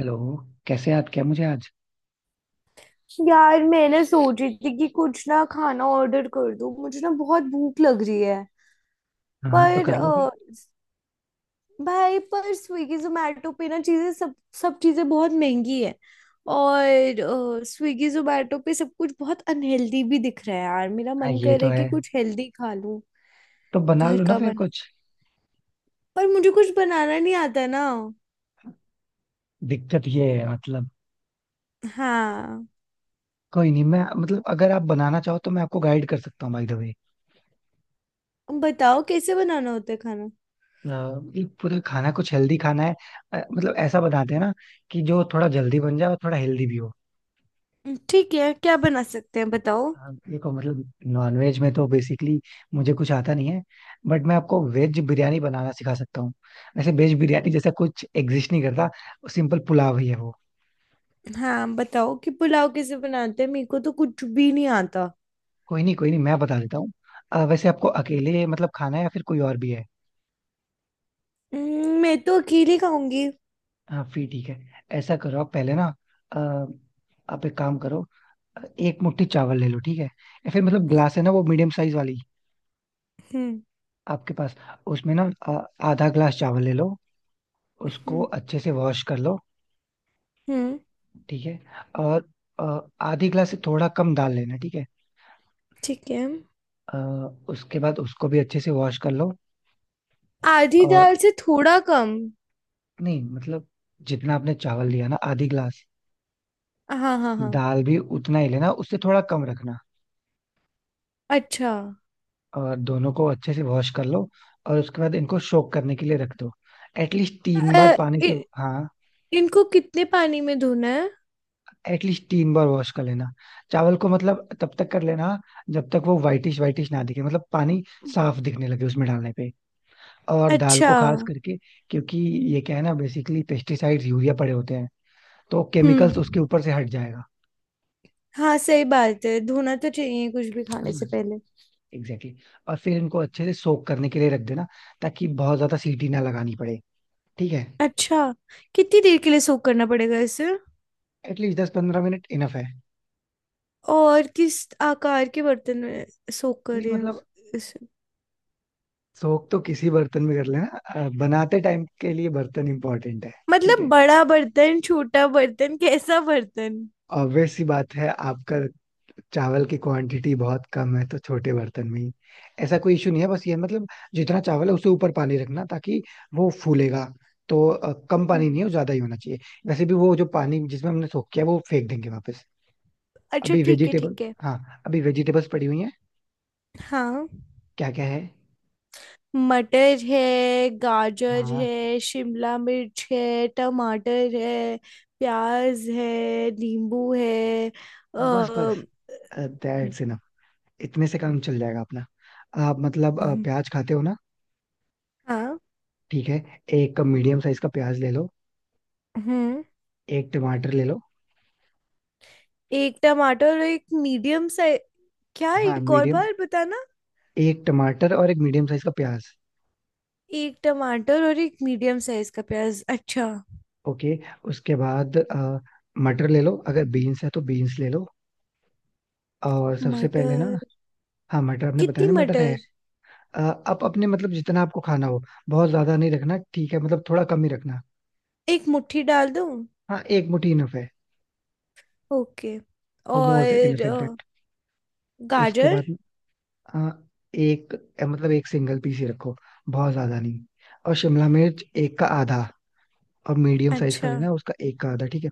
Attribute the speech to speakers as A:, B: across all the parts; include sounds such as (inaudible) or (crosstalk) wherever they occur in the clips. A: Hello. कैसे याद किया मुझे आज?
B: यार, मैंने सोच रही थी कि कुछ ना खाना ऑर्डर कर दूं। मुझे ना बहुत भूख लग रही है।
A: हाँ, तो
B: पर
A: कर लो फिर।
B: भाई, पर स्विगी जोमेटो पे ना चीजें सब सब चीजें बहुत महंगी है। और स्विगी जोमेटो पे सब कुछ बहुत अनहेल्दी भी दिख रहा है। यार, मेरा
A: हाँ,
B: मन
A: ये
B: कर रहा
A: तो
B: है
A: है।
B: कि कुछ हेल्दी खा लूं।
A: तो बना
B: घर
A: लो ना
B: का
A: फिर
B: बना।
A: कुछ।
B: पर मुझे कुछ बनाना नहीं आता ना।
A: दिक्कत ये है, मतलब।
B: हाँ।
A: कोई नहीं, मैं मतलब अगर आप बनाना चाहो तो मैं आपको गाइड कर सकता हूँ, बाय द वे।
B: बताओ, कैसे बनाना होता है खाना?
A: ये पूरा खाना कुछ हेल्दी खाना है। मतलब ऐसा बनाते हैं ना कि जो थोड़ा जल्दी बन जाए और थोड़ा हेल्दी भी हो।
B: ठीक है, क्या बना सकते हैं बताओ।
A: हाँ, देखो मतलब नॉनवेज में तो बेसिकली मुझे कुछ आता नहीं है। बट मैं आपको वेज बिरयानी बनाना सिखा सकता हूँ। वैसे वेज बिरयानी जैसा कुछ एग्जिस्ट नहीं करता, सिंपल पुलाव ही है वो।
B: हाँ, बताओ कि पुलाव कैसे बनाते हैं, मेरे को तो कुछ भी नहीं आता।
A: कोई नहीं कोई नहीं, मैं बता देता हूँ। वैसे आपको अकेले मतलब खाना है या फिर कोई और भी है?
B: मैं तो अकेली खाऊंगी।
A: हाँ फिर ठीक है। ऐसा करो आप पहले ना। अ, आप एक काम करो। एक मुट्ठी चावल ले लो, ठीक है? या फिर मतलब ग्लास है ना वो मीडियम साइज वाली
B: हम्म।
A: आपके पास? उसमें ना आधा ग्लास चावल ले लो। उसको
B: हम्म,
A: अच्छे से वॉश कर लो।
B: हम्म,
A: ठीक है। और अ, आधी ग्लास से थोड़ा कम दाल लेना, ठीक है।
B: ठीक है।
A: अ, उसके बाद उसको भी अच्छे से वॉश कर लो।
B: आधी
A: और
B: दाल से थोड़ा कम।
A: नहीं मतलब जितना आपने चावल लिया ना आधी ग्लास,
B: हाँ, हाँ, हाँ।
A: दाल भी उतना ही लेना, उससे थोड़ा कम रखना।
B: अच्छा।
A: और दोनों को अच्छे से वॉश कर लो। और उसके बाद इनको सोक करने के लिए रख दो। एटलीस्ट 3 बार
B: अ,
A: पानी
B: इ,
A: से। हाँ।
B: इनको कितने पानी में धोना है?
A: एटलीस्ट 3 बार वॉश कर लेना। चावल को मतलब तब तक कर लेना जब तक वो वाइटिश वाइटिश ना दिखे, मतलब पानी साफ दिखने लगे उसमें डालने पे। और दाल
B: अच्छा।
A: को खास करके, क्योंकि ये क्या है ना बेसिकली पेस्टिसाइड्स यूरिया पड़े होते हैं, तो
B: हम्म।
A: केमिकल्स उसके ऊपर से हट जाएगा।
B: हाँ, सही बात है, धोना तो चाहिए कुछ भी खाने से पहले।
A: एग्जैक्टली और फिर इनको अच्छे से सोक करने के लिए रख देना, ताकि बहुत ज्यादा सीटी ना लगानी पड़े। ठीक है।
B: अच्छा। कितनी देर के लिए सोक करना पड़ेगा इसे?
A: एटलीस्ट 10 15 मिनट इनफ है।
B: और किस आकार के बर्तन में सोक
A: नहीं
B: करें
A: मतलब
B: इसे?
A: सोख तो किसी बर्तन में कर लेना। बनाते टाइम के लिए बर्तन इंपॉर्टेंट है। ठीक
B: मतलब
A: है।
B: बड़ा बर्तन, छोटा बर्तन, कैसा बर्तन?
A: ऑब्वियस सी बात है, आपका चावल की क्वांटिटी बहुत कम है तो छोटे बर्तन में ही। ऐसा कोई इशू नहीं है, बस ये मतलब जितना चावल है उससे ऊपर पानी रखना, ताकि वो फूलेगा। तो कम पानी
B: हम्म।
A: नहीं हो, ज्यादा ही होना चाहिए। वैसे भी वो जो पानी जिसमें हमने सोख किया वो फेंक देंगे वापस।
B: अच्छा,
A: अभी
B: ठीक है,
A: वेजिटेबल।
B: ठीक है।
A: हाँ, अभी वेजिटेबल्स पड़ी हुई हैं।
B: हाँ,
A: क्या क्या है?
B: मटर है। गाजर
A: हाँ,
B: है, शिमला मिर्च है, टमाटर है। प्याज है, नींबू है। अ,
A: बस बस। That's enough. इतने से काम चल जाएगा अपना। आप मतलब
B: हम्म,
A: प्याज खाते हो ना?
B: हाँ।
A: ठीक है। एक मीडियम साइज का प्याज ले लो।
B: हम्म।
A: एक टमाटर ले लो।
B: एक टमाटर और एक मीडियम साइज। क्या,
A: हाँ,
B: एक और
A: मीडियम।
B: बार बताना?
A: एक टमाटर और एक मीडियम साइज का प्याज।
B: एक टमाटर और एक मीडियम साइज का प्याज। अच्छा।
A: ओके। उसके बाद मटर ले लो, अगर बीन्स है तो बीन्स ले लो। और सबसे पहले ना,
B: मटर।
A: हाँ मटर आपने बताया
B: कितनी
A: ना मटर है।
B: मटर?
A: अ, आप अपने मतलब जितना आपको खाना हो, बहुत ज्यादा नहीं रखना, ठीक है? मतलब थोड़ा कम ही रखना।
B: एक मुट्ठी डाल दूं?
A: हाँ, एक मुट्ठी इनफ है।
B: ओके।
A: वो मोर देन
B: और
A: इनफ इनफैक्ट। उसके
B: गाजर।
A: बाद हाँ एक, मतलब एक सिंगल पीस ही रखो, बहुत ज्यादा नहीं। और शिमला मिर्च एक का आधा, और मीडियम साइज का
B: अच्छा।
A: लेना, उसका एक का आधा, ठीक है।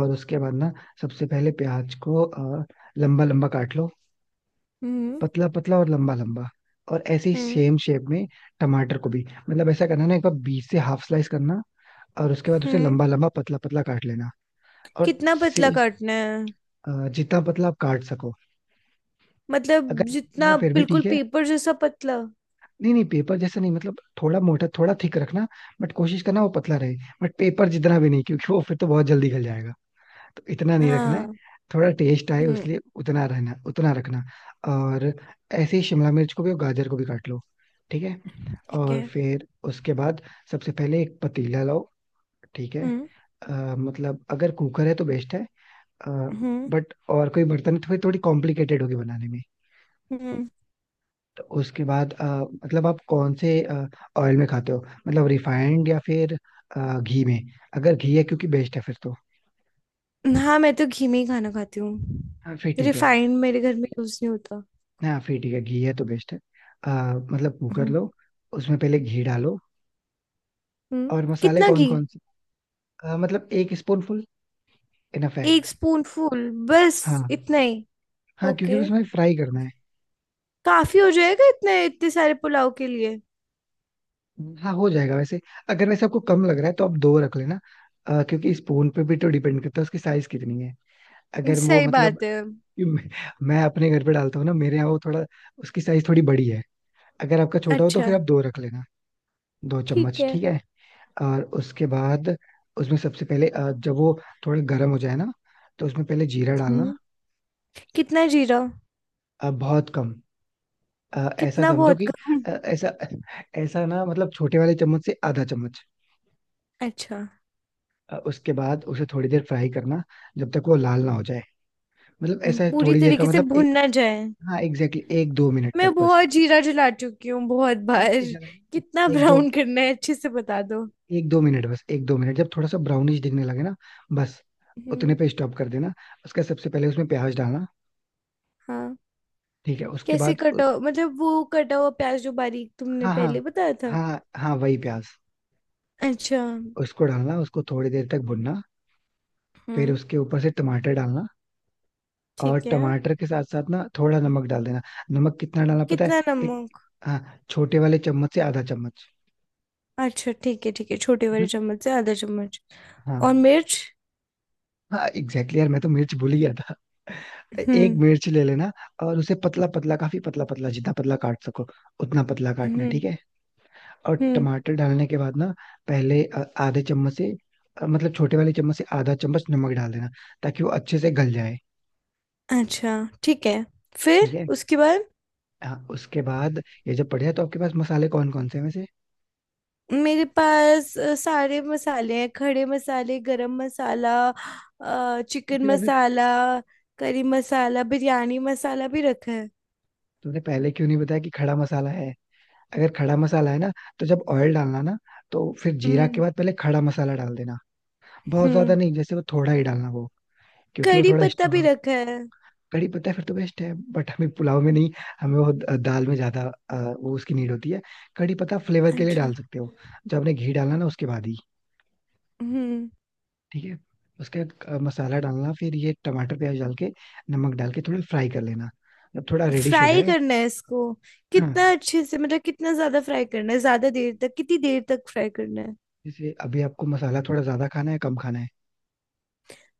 A: और उसके बाद ना सबसे पहले प्याज को लंबा लंबा काट लो,
B: हम्म,
A: पतला पतला और लंबा लंबा। और ऐसे ही
B: हम्म,
A: सेम शेप में टमाटर को भी, मतलब ऐसा करना ना एक बार बीच से हाफ स्लाइस करना, और उसके बाद उसे
B: हम्म।
A: लंबा लंबा पतला पतला काट लेना। और
B: कितना
A: से
B: पतला काटना है?
A: जितना पतला आप काट सको।
B: मतलब
A: अगर है
B: जितना
A: फिर भी
B: बिल्कुल
A: ठीक है।
B: पेपर जैसा पतला?
A: नहीं नहीं, पेपर जैसा नहीं, मतलब थोड़ा मोटा थोड़ा थिक रखना। बट कोशिश करना वो पतला रहे, बट पेपर जितना भी नहीं, क्योंकि वो फिर तो बहुत जल्दी गल जाएगा, तो इतना नहीं रखना है।
B: हाँ।
A: थोड़ा टेस्ट आए
B: हम्म।
A: उसलिए उतना रहना उतना रखना। और ऐसे ही शिमला मिर्च को भी और गाजर को भी काट लो। ठीक है।
B: ठीक
A: और
B: है।
A: फिर उसके बाद सबसे पहले एक पतीला लाओ, ठीक है।
B: हम्म,
A: अ, मतलब अगर कुकर है तो बेस्ट है,
B: हम्म,
A: बट और कोई बर्तन है तो फिर थोड़ी कॉम्प्लिकेटेड होगी बनाने में।
B: हम्म।
A: तो उसके बाद मतलब आप कौन से ऑयल में खाते हो, मतलब रिफाइंड या फिर घी में? अगर घी है क्योंकि बेस्ट है फिर तो।
B: हाँ, मैं तो घी में ही खाना खाती हूँ।
A: हाँ फिर ठीक है।
B: रिफाइंड मेरे घर में यूज नहीं होता।
A: हाँ फिर ठीक है, घी है तो बेस्ट है। अ, मतलब कुकर
B: हम्म।
A: लो। उसमें पहले घी डालो।
B: हम्म।
A: और मसाले
B: कितना
A: कौन
B: घी?
A: कौन से? मतलब एक स्पून फुल इनफ है।
B: एक स्पून फूल बस।
A: हाँ
B: इतना ही?
A: हाँ, क्योंकि
B: ओके।
A: उसमें फ्राई करना है।
B: काफी हो जाएगा इतने इतने सारे पुलाव के लिए?
A: हाँ हो जाएगा, वैसे अगर वैसे आपको कम लग रहा है तो आप दो रख लेना। क्योंकि स्पून पे भी तो डिपेंड करता है उसकी साइज कितनी है। अगर वो
B: सही
A: मतलब,
B: बात है।
A: कि मैं, मैं अपने घर पे डालता हूँ ना, मेरे यहाँ वो थोड़ा उसकी साइज थोड़ी बड़ी है। अगर आपका छोटा हो तो
B: अच्छा,
A: फिर आप दो रख लेना। दो
B: ठीक
A: चम्मच
B: है।
A: ठीक है। और उसके बाद उसमें सबसे पहले जब वो थोड़ा गर्म हो जाए ना तो उसमें पहले जीरा डालना।
B: हम्म। कितना जीरा?
A: बहुत कम। ऐसा
B: कितना
A: समझो
B: बहुत
A: कि
B: कम?
A: ऐसा ऐसा ना, मतलब छोटे वाले चम्मच से आधा चम्मच।
B: अच्छा।
A: उसके बाद उसे थोड़ी देर फ्राई करना, जब तक वो लाल ना हो जाए, मतलब ऐसा है
B: पूरी
A: थोड़ी देर का
B: तरीके से
A: मतलब
B: भुन
A: एक,
B: ना जाए?
A: हाँ एग्जैक्टली 1 2 मिनट तक
B: मैं
A: बस।
B: बहुत जीरा जला चुकी हूँ बहुत
A: नहीं
B: बार।
A: नहीं ज्यादा नहीं,
B: कितना
A: एक दो
B: ब्राउन करना है अच्छे से बता दो।
A: एक दो मिनट, बस 1 2 मिनट, जब थोड़ा सा ब्राउनिश दिखने लगे ना बस उतने
B: हम्म।
A: पे स्टॉप कर देना। उसका सबसे पहले उसमें प्याज डालना,
B: हाँ।
A: ठीक है? उसके बाद
B: मतलब वो कटा हुआ प्याज जो बारीक तुमने
A: हाँ हाँ
B: पहले बताया था?
A: हाँ हाँ वही प्याज।
B: अच्छा।
A: उसको डालना, उसको थोड़ी देर तक भुनना, फिर
B: हम्म।
A: उसके ऊपर से टमाटर डालना। और
B: ठीक है।
A: टमाटर के साथ साथ ना थोड़ा नमक डाल देना। नमक कितना डालना पता है?
B: कितना
A: एक,
B: नमक?
A: हाँ छोटे वाले चम्मच से आधा चम्मच।
B: अच्छा, ठीक है, ठीक है, छोटे वाले चम्मच से आधा चम्मच।
A: हाँ
B: और मिर्च?
A: हाँ एग्जैक्टली, यार मैं तो मिर्च भूल ही गया था। एक
B: हम्म,
A: मिर्च ले लेना, और उसे पतला पतला, काफी पतला पतला, जितना पतला काट सको उतना पतला काटना,
B: हम्म,
A: ठीक है? और
B: हम्म।
A: टमाटर डालने के बाद ना पहले आधे चम्मच से मतलब छोटे वाले चम्मच से आधा चम्मच नमक डाल देना, ताकि वो अच्छे से गल जाए।
B: अच्छा, ठीक है। फिर
A: ठीक है।
B: उसके बाद?
A: हाँ, उसके बाद ये जब पड़ जाए तो आपके पास मसाले कौन कौन से हैं वैसे?
B: मेरे पास सारे मसाले हैं, खड़े मसाले, गरम मसाला,
A: तो
B: चिकन
A: फिर आपने,
B: मसाला, करी मसाला, बिरयानी मसाला भी रखा है।
A: तुमने पहले क्यों नहीं बताया कि खड़ा मसाला है? अगर खड़ा मसाला है ना तो जब ऑयल डालना ना तो फिर जीरा के
B: हम्म।
A: बाद पहले खड़ा मसाला डाल देना। बहुत ज्यादा
B: हम्म।
A: नहीं, जैसे वो थोड़ा ही डालना वो, क्योंकि वो
B: करी
A: थोड़ा
B: पत्ता भी
A: स्ट्रॉन्ग।
B: रखा है।
A: कड़ी पत्ता फिर तो बेस्ट है, बट हमें पुलाव में नहीं, हमें वो दाल में ज्यादा वो उसकी नीड होती है। कड़ी पत्ता फ्लेवर के लिए
B: अच्छा।
A: डाल सकते हो, जब आपने घी डालना ना उसके बाद ही,
B: हम्म।
A: ठीक है। उसके बाद मसाला डालना, फिर ये टमाटर प्याज डाल के, नमक डाल के थोड़ा फ्राई कर लेना, जब थोड़ा रेडिश हो
B: फ्राई
A: जाए।
B: करना है इसको?
A: हाँ,
B: कितना अच्छे से, मतलब कितना ज्यादा फ्राई करना है, ज्यादा देर तक, कितनी देर तक फ्राई करना है?
A: जैसे अभी आपको मसाला थोड़ा ज्यादा खाना है कम खाना है।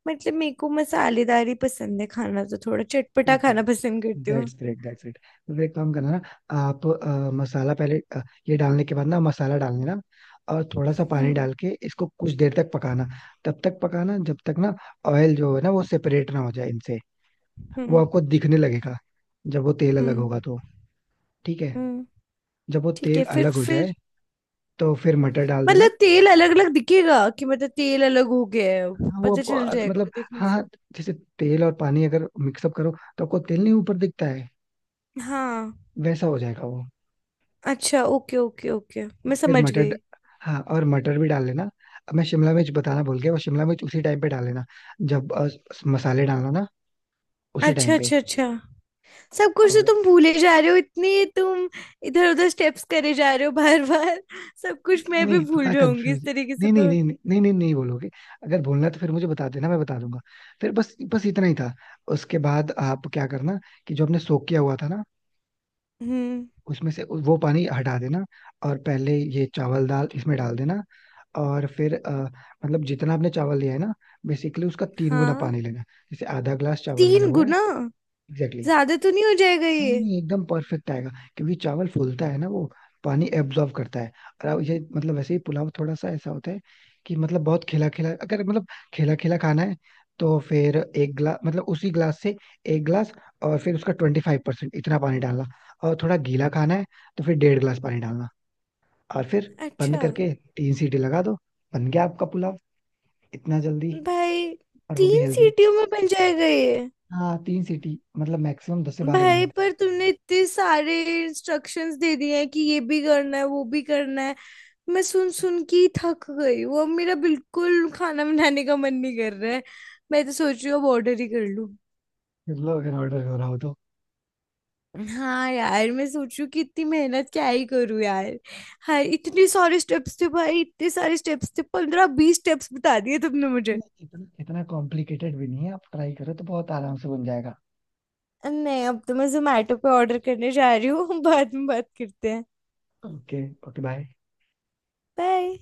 B: मतलब मेरे को मसालेदार ही पसंद है खाना, तो थोड़ा चटपटा
A: ठीक ठीक
B: खाना
A: है।
B: पसंद करती हूँ।
A: That's great that's great. तो फिर एक काम करना ना, आप मसाला पहले ये डालने के बाद ना मसाला डाल देना, और थोड़ा सा पानी
B: हम्म,
A: डाल के इसको कुछ देर तक पकाना। तब तक पकाना जब तक ना ऑयल जो है ना वो सेपरेट ना हो जाए इनसे। वो
B: हम्म,
A: आपको दिखने लगेगा, जब वो तेल अलग
B: हम्म,
A: होगा तो, ठीक है?
B: हम्म।
A: जब वो
B: ठीक
A: तेल
B: है, फिर
A: अलग हो जाए
B: फिर
A: तो फिर मटर डाल देना।
B: मतलब तेल अलग अलग दिखेगा कि मतलब तेल अलग हो गया है,
A: हाँ वो
B: पता
A: आपको
B: चल जाएगा
A: मतलब
B: देखने
A: हाँ हाँ,
B: से?
A: जैसे तेल और पानी अगर मिक्सअप करो तो आपको तेल नहीं ऊपर दिखता है?
B: हाँ।
A: वैसा हो जाएगा वो।
B: अच्छा, ओके, ओके, ओके,
A: और
B: मैं
A: फिर
B: समझ
A: मटर,
B: गई।
A: हाँ और मटर भी डाल लेना। अब मैं शिमला मिर्च बताना भूल गया, वो शिमला मिर्च उसी टाइम पे डाल लेना, जब मसाले डालना ना, उसी
B: अच्छा,
A: टाइम पे।
B: अच्छा, अच्छा। सब कुछ तो
A: और
B: तुम भूले जा रहे हो इतनी, तुम इधर उधर स्टेप्स करे जा रहे हो बार बार। सब कुछ
A: नहीं
B: मैं भी
A: नहीं,
B: भूल
A: थोड़ा
B: जाऊंगी इस
A: कंफ्यूज,
B: तरीके से
A: नहीं नहीं
B: तो।
A: नहीं नहीं नहीं नहीं नहीं बोलोगे? अगर बोलना है तो फिर मुझे बता देना, मैं बता दूंगा। फिर बस बस इतना ही था। उसके बाद आप क्या करना कि जो हमने सोक किया हुआ था ना,
B: हम्म।
A: उसमें से वो पानी हटा देना, और पहले ये चावल दाल इसमें डाल देना। और फिर मतलब जितना आपने चावल लिया है ना, बेसिकली उसका तीन गुना
B: हाँ,
A: पानी लेना। जैसे आधा ग्लास चावल लिया
B: तीन
A: हुआ है।
B: गुना
A: एग्जैक्टली।
B: ज्यादा तो नहीं हो जाएगा
A: नहीं
B: ये?
A: नहीं एकदम परफेक्ट आएगा, क्योंकि चावल फूलता है ना, वो पानी एब्जॉर्ब करता है। और अब ये मतलब वैसे ही पुलाव थोड़ा सा ऐसा होता है कि मतलब बहुत खिला खिला, अगर मतलब खिला खिला खाना है तो फिर एक ग्लास, मतलब उसी ग्लास से एक ग्लास, और फिर उसका 25% इतना पानी डालना। और थोड़ा गीला खाना है तो फिर डेढ़ ग्लास पानी डालना। और फिर बंद
B: अच्छा।
A: करके तीन सीटी लगा दो, बन गया आपका पुलाव, इतना जल्दी,
B: भाई।
A: और वो भी
B: तीन
A: हेल्दी।
B: सीटियों में बन जाएगा ये?
A: हाँ तीन सीटी मतलब मैक्सिमम दस से बारह
B: भाई,
A: मिनट
B: पर तुमने इतने सारे इंस्ट्रक्शंस दे दिए हैं कि ये भी करना है, वो भी करना है। मैं सुन सुन के ही थक गई हूँ, अब मेरा बिल्कुल खाना बनाने का मन नहीं कर रहा है। मैं तो सोच रही हूँ अब ऑर्डर ही कर लूँ।
A: मतलब अगर ऑर्डर हो रहा हो तो।
B: हाँ यार, मैं सोच रही हूँ कि इतनी मेहनत क्या ही करूँ यार। हाँ, इतने सारे स्टेप्स थे भाई, इतने सारे स्टेप्स थे, 15-20 स्टेप्स बता दिए तुमने मुझे।
A: नहीं, इतना इतना कॉम्प्लिकेटेड भी नहीं है, आप ट्राई करो तो बहुत आराम से बन जाएगा।
B: नहीं, अब तो मैं जोमेटो पे ऑर्डर करने जा रही हूँ। (laughs) बाद में बात करते हैं।
A: ओके। Okay bye.
B: बाय।